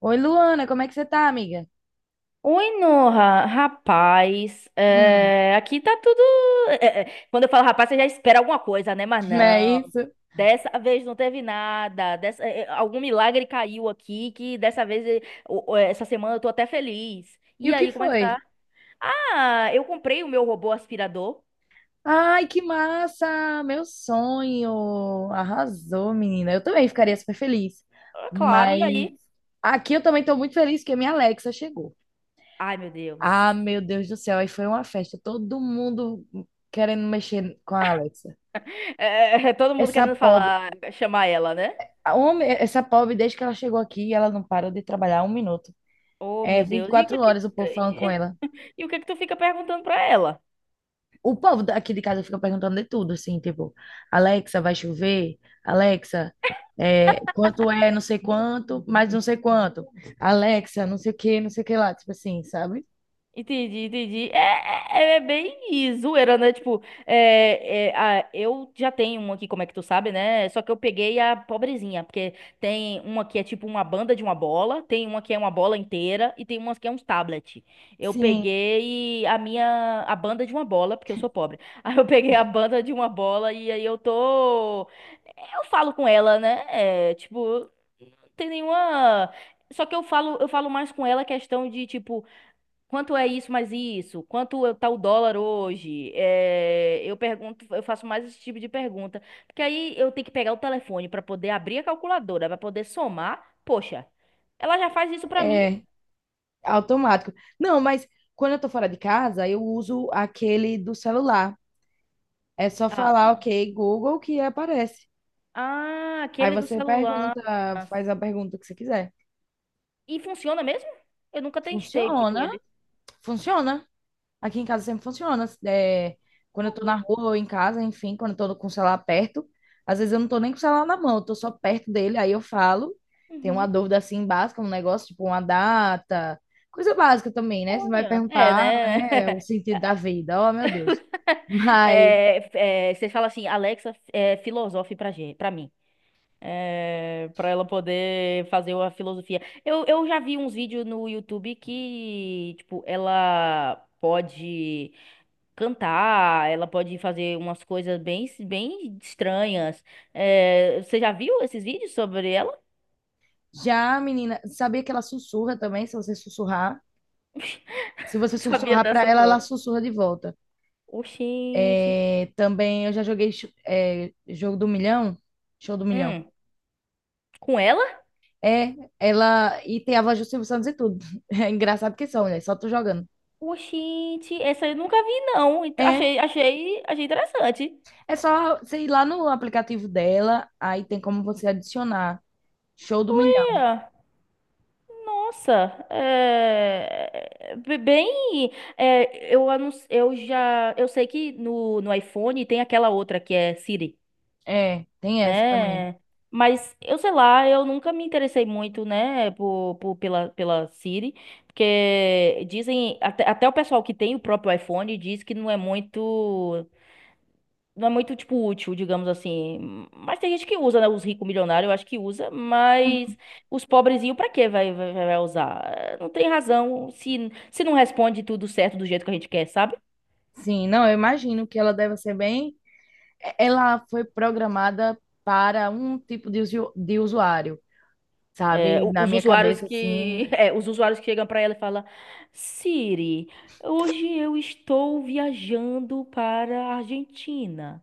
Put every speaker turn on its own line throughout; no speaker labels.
Oi, Luana, como é que você tá, amiga?
Oi, Noha, rapaz,
Hum.
aqui tá tudo. Quando eu falo rapaz, você já espera alguma coisa, né? Mas
Não é
não,
isso?
dessa vez não teve nada. Algum milagre caiu aqui que dessa vez, essa semana eu tô até feliz.
E
E
o que
aí, como é que tá?
foi?
Ah, eu comprei o meu robô aspirador.
Ai, que massa! Meu sonho! Arrasou, menina. Eu também ficaria
E,
super feliz.
Claro,
Mas
e aí?
aqui eu também tô muito feliz que a minha Alexa chegou.
Ai, meu
Ah,
Deus.
meu Deus do céu, aí foi uma festa. Todo mundo querendo mexer com a Alexa.
É, Todo mundo
Essa
querendo
pobre,
falar, chamar ela, né?
essa pobre, desde que ela chegou aqui, ela não parou de trabalhar um minuto.
Oh,
É
meu
vinte e
Deus, e o que
quatro
é que,
horas o povo falando com ela.
e o que é que tu fica perguntando pra ela?
O povo daqui de casa fica perguntando de tudo, assim, tipo, Alexa, vai chover? Alexa, quanto é não sei quanto, mais não sei quanto. Alexa, não sei o que, não sei o que lá, tipo assim, sabe?
Entendi, entendi. É bem zoeira, né? Tipo, eu já tenho uma aqui, como é que tu sabe, né? Só que eu peguei a pobrezinha, porque tem uma que é tipo uma banda de uma bola, tem uma que é uma bola inteira e tem uma que é uns tablet. Eu
Sim,
peguei a minha, a banda de uma bola, porque eu sou pobre. Aí eu peguei a banda de uma bola e aí eu tô. Eu falo com ela, né? É, tipo, não tem nenhuma. Só que eu falo mais com ela questão de, tipo. Quanto é isso mais isso? Quanto é tá o dólar hoje? Eu pergunto, eu faço mais esse tipo de pergunta, porque aí eu tenho que pegar o telefone para poder abrir a calculadora, para poder somar. Poxa, ela já faz isso para mim?
é automático. Não, mas quando eu tô fora de casa, eu uso aquele do celular. É só
Ah,
falar,
ah,
ok, Google, que aparece.
ah,
Aí
aquele do
você
celular.
pergunta,
Nossa.
faz a pergunta que você quiser.
E funciona mesmo? Eu nunca testei muito
Funciona,
ele.
funciona. Aqui em casa sempre funciona. É, quando eu tô na rua ou em casa, enfim, quando eu tô com o celular perto, às vezes eu não tô nem com o celular na mão, eu tô só perto dele, aí eu falo. Tem uma
Uhum.
dúvida assim básica, um negócio tipo uma data, coisa básica também, né? Você vai
Olha,
perguntar, né, o
né?
sentido da vida. Oh, meu Deus. Mas
Você fala assim, Alexa, filosofe pra gente, para mim. Para ela poder fazer a filosofia. Eu já vi uns vídeos no YouTube que, tipo, ela pode cantar, ela pode fazer umas coisas bem, bem estranhas. Você já viu esses vídeos sobre ela?
já a menina, sabia que ela sussurra também, se você sussurrar? Se você
Não sabia
sussurrar pra
dessa,
ela, ela
não.
sussurra de volta.
Oxente.
É, também eu já joguei jogo do milhão, show do milhão.
Hum, com ela?
É, ela. E tem a voz do Silvio Santos e tudo. É engraçado que são, né? Só tu jogando.
Oxente, essa eu nunca vi, não. Então,
É,
achei interessante.
é só você ir lá no aplicativo dela, aí tem como você adicionar. Show do milhão.
É. Nossa, bem, é, eu, anun- eu já, eu sei que no iPhone tem aquela outra que é Siri,
É, tem essa também.
né? Mas eu sei lá, eu nunca me interessei muito, né, pela Siri, porque dizem, até o pessoal que tem o próprio iPhone diz que não é muito, tipo, útil, digamos assim. Mas tem gente que usa, né? Os ricos milionários, eu acho que usa, mas os pobrezinhos, pra quê vai usar? Não tem razão se não responde tudo certo do jeito que a gente quer, sabe?
Sim, não, eu imagino que ela deve ser bem. Ela foi programada para um tipo de, de usuário, sabe? Na minha cabeça, assim,
Os usuários que chegam pra ela e falam, Siri, hoje eu estou viajando para a Argentina.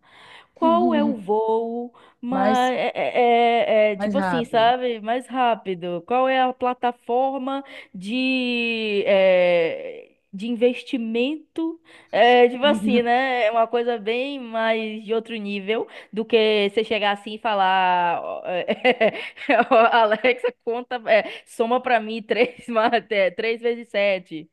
Qual é o voo
mais,
mais,
mais
tipo assim,
rápido.
sabe? Mais rápido. Qual é a plataforma de investimento? Tipo assim, né? É uma coisa bem mais de outro nível do que você chegar assim e falar: ó, ó, Alexa, conta, soma pra mim três, três vezes sete.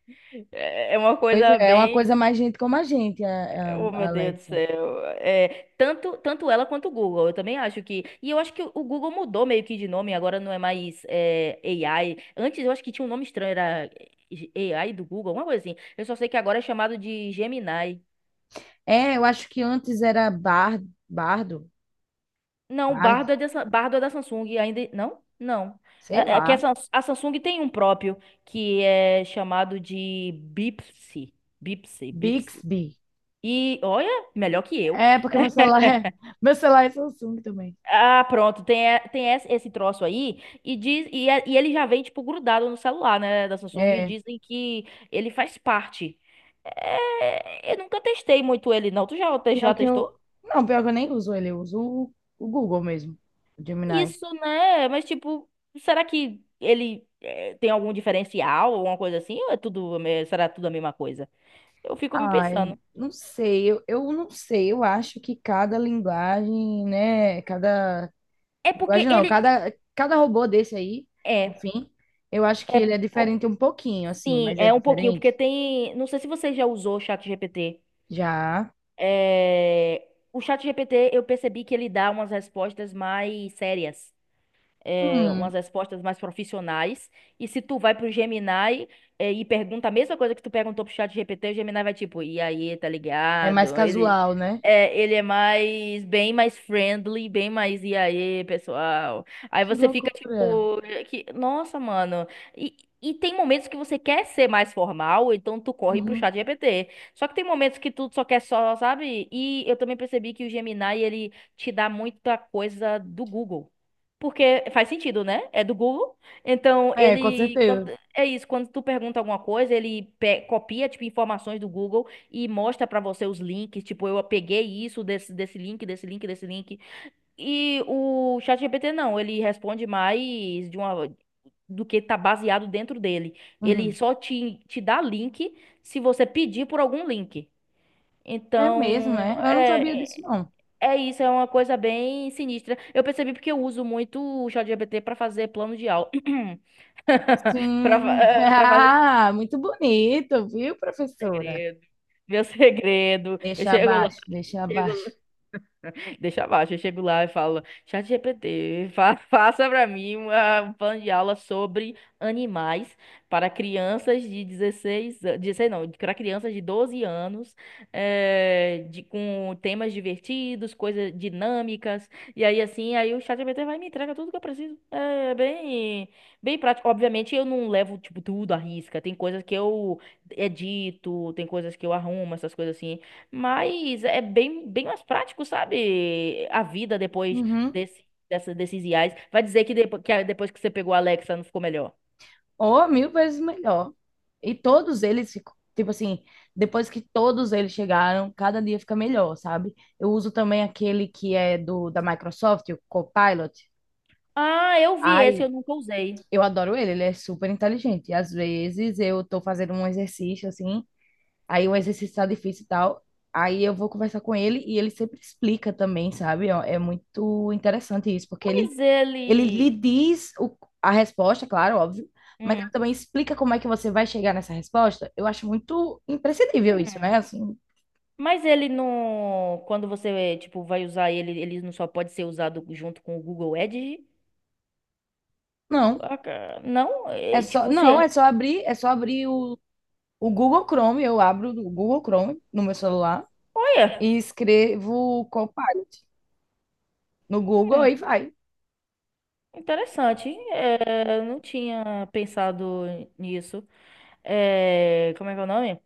É uma
Pois
coisa
é, é uma
bem.
coisa mais gente como a gente,
Oh,
a
meu Deus do
Alexa.
céu. Tanto ela quanto o Google, eu também acho que. E eu acho que o Google mudou meio que de nome, agora não é mais AI. Antes eu acho que tinha um nome estranho, era AI do Google, alguma coisa assim. Eu só sei que agora é chamado de Gemini.
É, eu acho que antes era Bar, Bardo,
Não,
Bard,
Bardo é da Samsung ainda. Não? Não.
sei
É que a,
lá,
Sams- a Samsung tem um próprio que é chamado de Bixby. Bixby, Bixby.
Bixby.
E olha, melhor que eu.
É, porque meu celular é, meu celular é Samsung também.
Ah, pronto, tem esse troço aí, e ele já vem, tipo, grudado no celular, né, da Samsung, e
É,
dizem que ele faz parte. Eu nunca testei muito ele, não.
pior
Já
que
testou?
eu, não, pior que eu nem uso ele, eu uso o Google mesmo, o Gemini.
Isso, né? Mas, tipo, será que tem algum diferencial, alguma coisa assim? Ou é tudo, será tudo a mesma coisa? Eu fico me
Ai,
pensando.
não sei, eu não sei, eu acho que cada linguagem, né, cada,
É porque
linguagem não,
ele.
cada, robô desse aí,
É,
enfim, eu acho que
é.
ele é
Pô,
diferente um pouquinho, assim,
sim,
mas é
é um pouquinho, porque
diferente.
tem. Não sei se você já usou o ChatGPT.
Já.
É, O chat GPT eu percebi que ele dá umas respostas mais sérias,
Hum.
umas respostas mais profissionais. E se tu vai pro Gemini, e pergunta a mesma coisa que tu perguntou pro chat GPT, o Gemini vai tipo, e aí, tá
É mais
ligado? Ele
casual, né?
é, ele é mais, bem mais friendly, bem mais, e aí, pessoal? Aí
Que
você fica
loucura.
tipo, que, nossa, mano. E, e tem momentos que você quer ser mais formal, então tu corre pro
Uhum.
chat GPT. Só que tem momentos que tu só quer só, sabe? E eu também percebi que o Gemini, ele te dá muita coisa do Google. Porque faz sentido, né? É do Google. Então,
É, com
ele. Quando-
certeza.
é isso, Quando tu pergunta alguma coisa, ele copia, tipo, informações do Google e mostra pra você os links. Tipo, eu peguei isso desse, desse link, desse link, desse link. E o ChatGPT não, ele responde mais de uma. Do que tá baseado dentro dele. Ele
Uhum.
só te dá link se você pedir por algum link.
É mesmo,
Então,
é? Eu não sabia disso,
é
não.
é isso, é uma coisa bem sinistra. Eu percebi porque eu uso muito o ChatGPT para fazer plano de aula.
Sim.
Para fazer
Ah, muito bonito, viu,
meu
professora?
segredo, meu segredo. Eu
Deixa
chego lá,
abaixo, deixa
chego
abaixo.
deixa abaixo. Eu chego lá e falo, ChatGPT, fa faça pra mim um plano de aula sobre animais para crianças de 16, an- 16 não, para crianças de 12 anos, com temas divertidos, coisas dinâmicas. E aí, assim, aí o ChatGPT vai e me entrega tudo que eu preciso. É bem, bem prático. Obviamente, eu não levo, tipo, tudo à risca. Tem coisas que eu edito, tem coisas que eu arrumo, essas coisas assim. Mas é bem, bem mais prático, sabe? A vida depois
Uhum.
desses IAs. Vai dizer que, depois que você pegou a Alexa não ficou melhor.
Oh, mil vezes melhor. E todos eles ficam, tipo assim, depois que todos eles chegaram, cada dia fica melhor, sabe? Eu uso também aquele que é do da Microsoft, o Copilot.
Ah, eu vi esse,
Ai,
eu nunca usei.
eu adoro ele, ele é super inteligente. Às vezes eu tô fazendo um exercício assim, aí o exercício tá difícil e tal, aí eu vou conversar com ele e ele sempre explica também, sabe? Ó, é muito interessante isso, porque ele,
Mas
ele lhe
ele.
diz o, a resposta, claro, óbvio, mas ele
Hum.
também explica como é que você vai chegar nessa resposta. Eu acho muito imprescindível isso,
Hum.
né? Assim,
Mas ele não. Quando você, tipo, vai usar ele, ele não só pode ser usado junto com o Google Edge?
não,
Não?
é
É,
só,
tipo,
não,
você.
é só abrir o Google Chrome, eu abro o Google Chrome no meu celular
Olha!
e escrevo Copilot no Google
hum,
e vai.
Interessante. Eu não tinha pensado nisso. Como é que é o nome?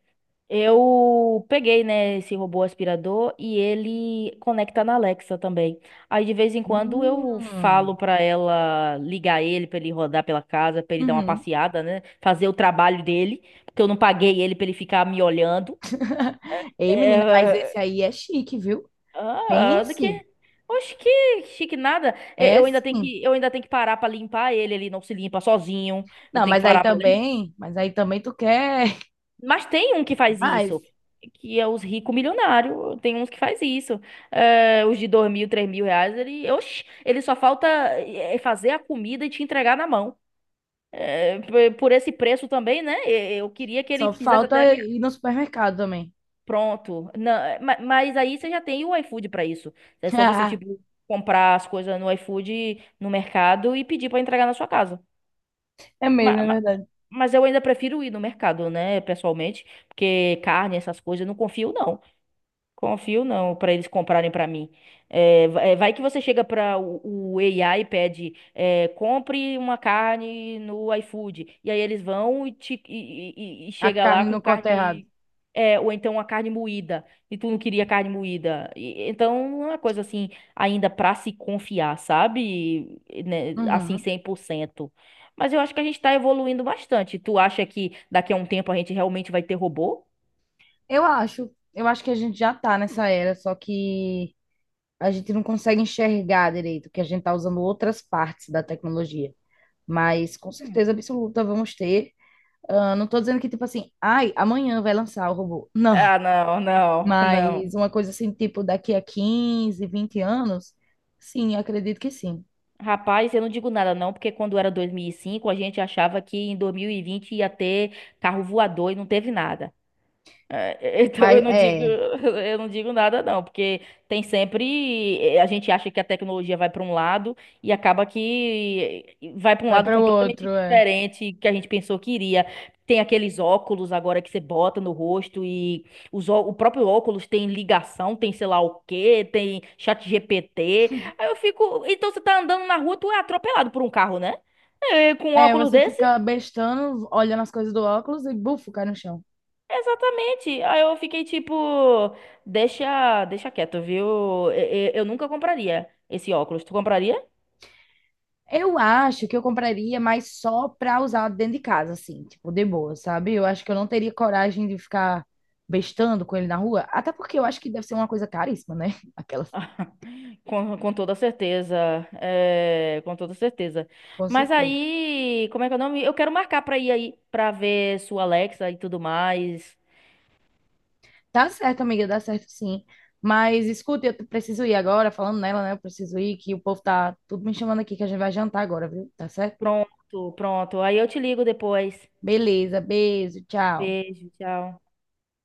Eu peguei, né, esse robô aspirador e ele conecta na Alexa também. Aí de vez em quando eu
Hum.
falo pra ela ligar ele pra ele rodar pela casa, pra ele dar uma
Uhum.
passeada, né, fazer o trabalho dele, porque eu não paguei ele pra ele ficar me olhando.
Ei, menina, mas
É.
esse aí é chique, viu?
Ah, do que?
Pense.
Oxe, que chique nada.
É
Eu ainda tenho
sim.
que, eu ainda tenho que parar pra limpar ele, ele não se limpa sozinho. Eu
Não,
tenho que parar para
mas aí também tu quer.
Mas tem um que faz
Mas
isso, que é os ricos milionários. Tem uns que faz isso. Os de 2.000, R$ 3.000, ele só falta fazer a comida e te entregar na mão. Por esse preço também, né? Eu queria que ele
só
fizesse até a
falta
minha.
ir no supermercado também.
Pronto. Não, mas aí você já tem o iFood para isso. É só você, tipo, comprar as coisas no iFood, no mercado e pedir para entregar na sua casa.
É mesmo,
Ma-
é
ma-
verdade.
Mas eu ainda prefiro ir no mercado, né, pessoalmente, porque carne, essas coisas, eu não confio, não. Confio não, para eles comprarem para mim. Vai que você chega para o AI e pede, compre uma carne no iFood. E aí eles vão e, te, e
A
chega lá
carne
com
não corta errado.
carne. Ou então uma carne moída. E tu não queria carne moída. Então não é uma coisa assim, ainda para se confiar, sabe? E, né, assim,
Uhum.
100%. Mas eu acho que a gente tá evoluindo bastante. Tu acha que daqui a um tempo a gente realmente vai ter robô?
Eu acho que a gente já tá nessa era, só que a gente não consegue enxergar direito, que a gente tá usando outras partes da tecnologia. Mas com
Hum.
certeza absoluta vamos ter. Ah, não tô dizendo que, tipo assim, ai, amanhã vai lançar o robô. Não.
Ah, não, não, não.
Mas uma coisa assim, tipo, daqui a 15, 20 anos, sim, acredito que sim.
Rapaz, eu não digo nada não, porque quando era 2005 a gente achava que em 2020 ia ter carro voador e não teve nada. Então eu
Mas
não digo,
é,
eu não digo nada não, porque tem sempre a gente acha que a tecnologia vai para um lado e acaba que vai para um
vai
lado
para o
completamente
outro, é.
diferente que a gente pensou que iria. Tem aqueles óculos agora que você bota no rosto e o próprio óculos tem ligação, tem sei lá o quê, tem chat GPT. Aí eu fico, então você tá andando na rua, tu é atropelado por um carro, né? Com um
É,
óculos
você
desse.
fica bestando, olhando as coisas do óculos e bufo, cai no chão.
Exatamente. Aí eu fiquei tipo, deixa, deixa quieto, viu? Eu nunca compraria esse óculos. Tu compraria?
Eu acho que eu compraria, mas só pra usar dentro de casa, assim, tipo, de boa, sabe? Eu acho que eu não teria coragem de ficar bestando com ele na rua, até porque eu acho que deve ser uma coisa caríssima, né? Aquelas,
Com toda certeza. Com toda certeza.
com
Mas
certeza.
aí, como é que é o nome? Eu quero marcar pra ir aí, pra ver sua Alexa e tudo mais.
Dá certo, amiga, dá certo sim. Mas escuta, eu preciso ir agora, falando nela, né? Eu preciso ir, que o povo tá tudo me chamando aqui, que a gente vai jantar agora, viu? Tá certo?
Pronto, pronto. Aí eu te ligo depois.
Beleza, beijo, tchau.
Beijo, tchau.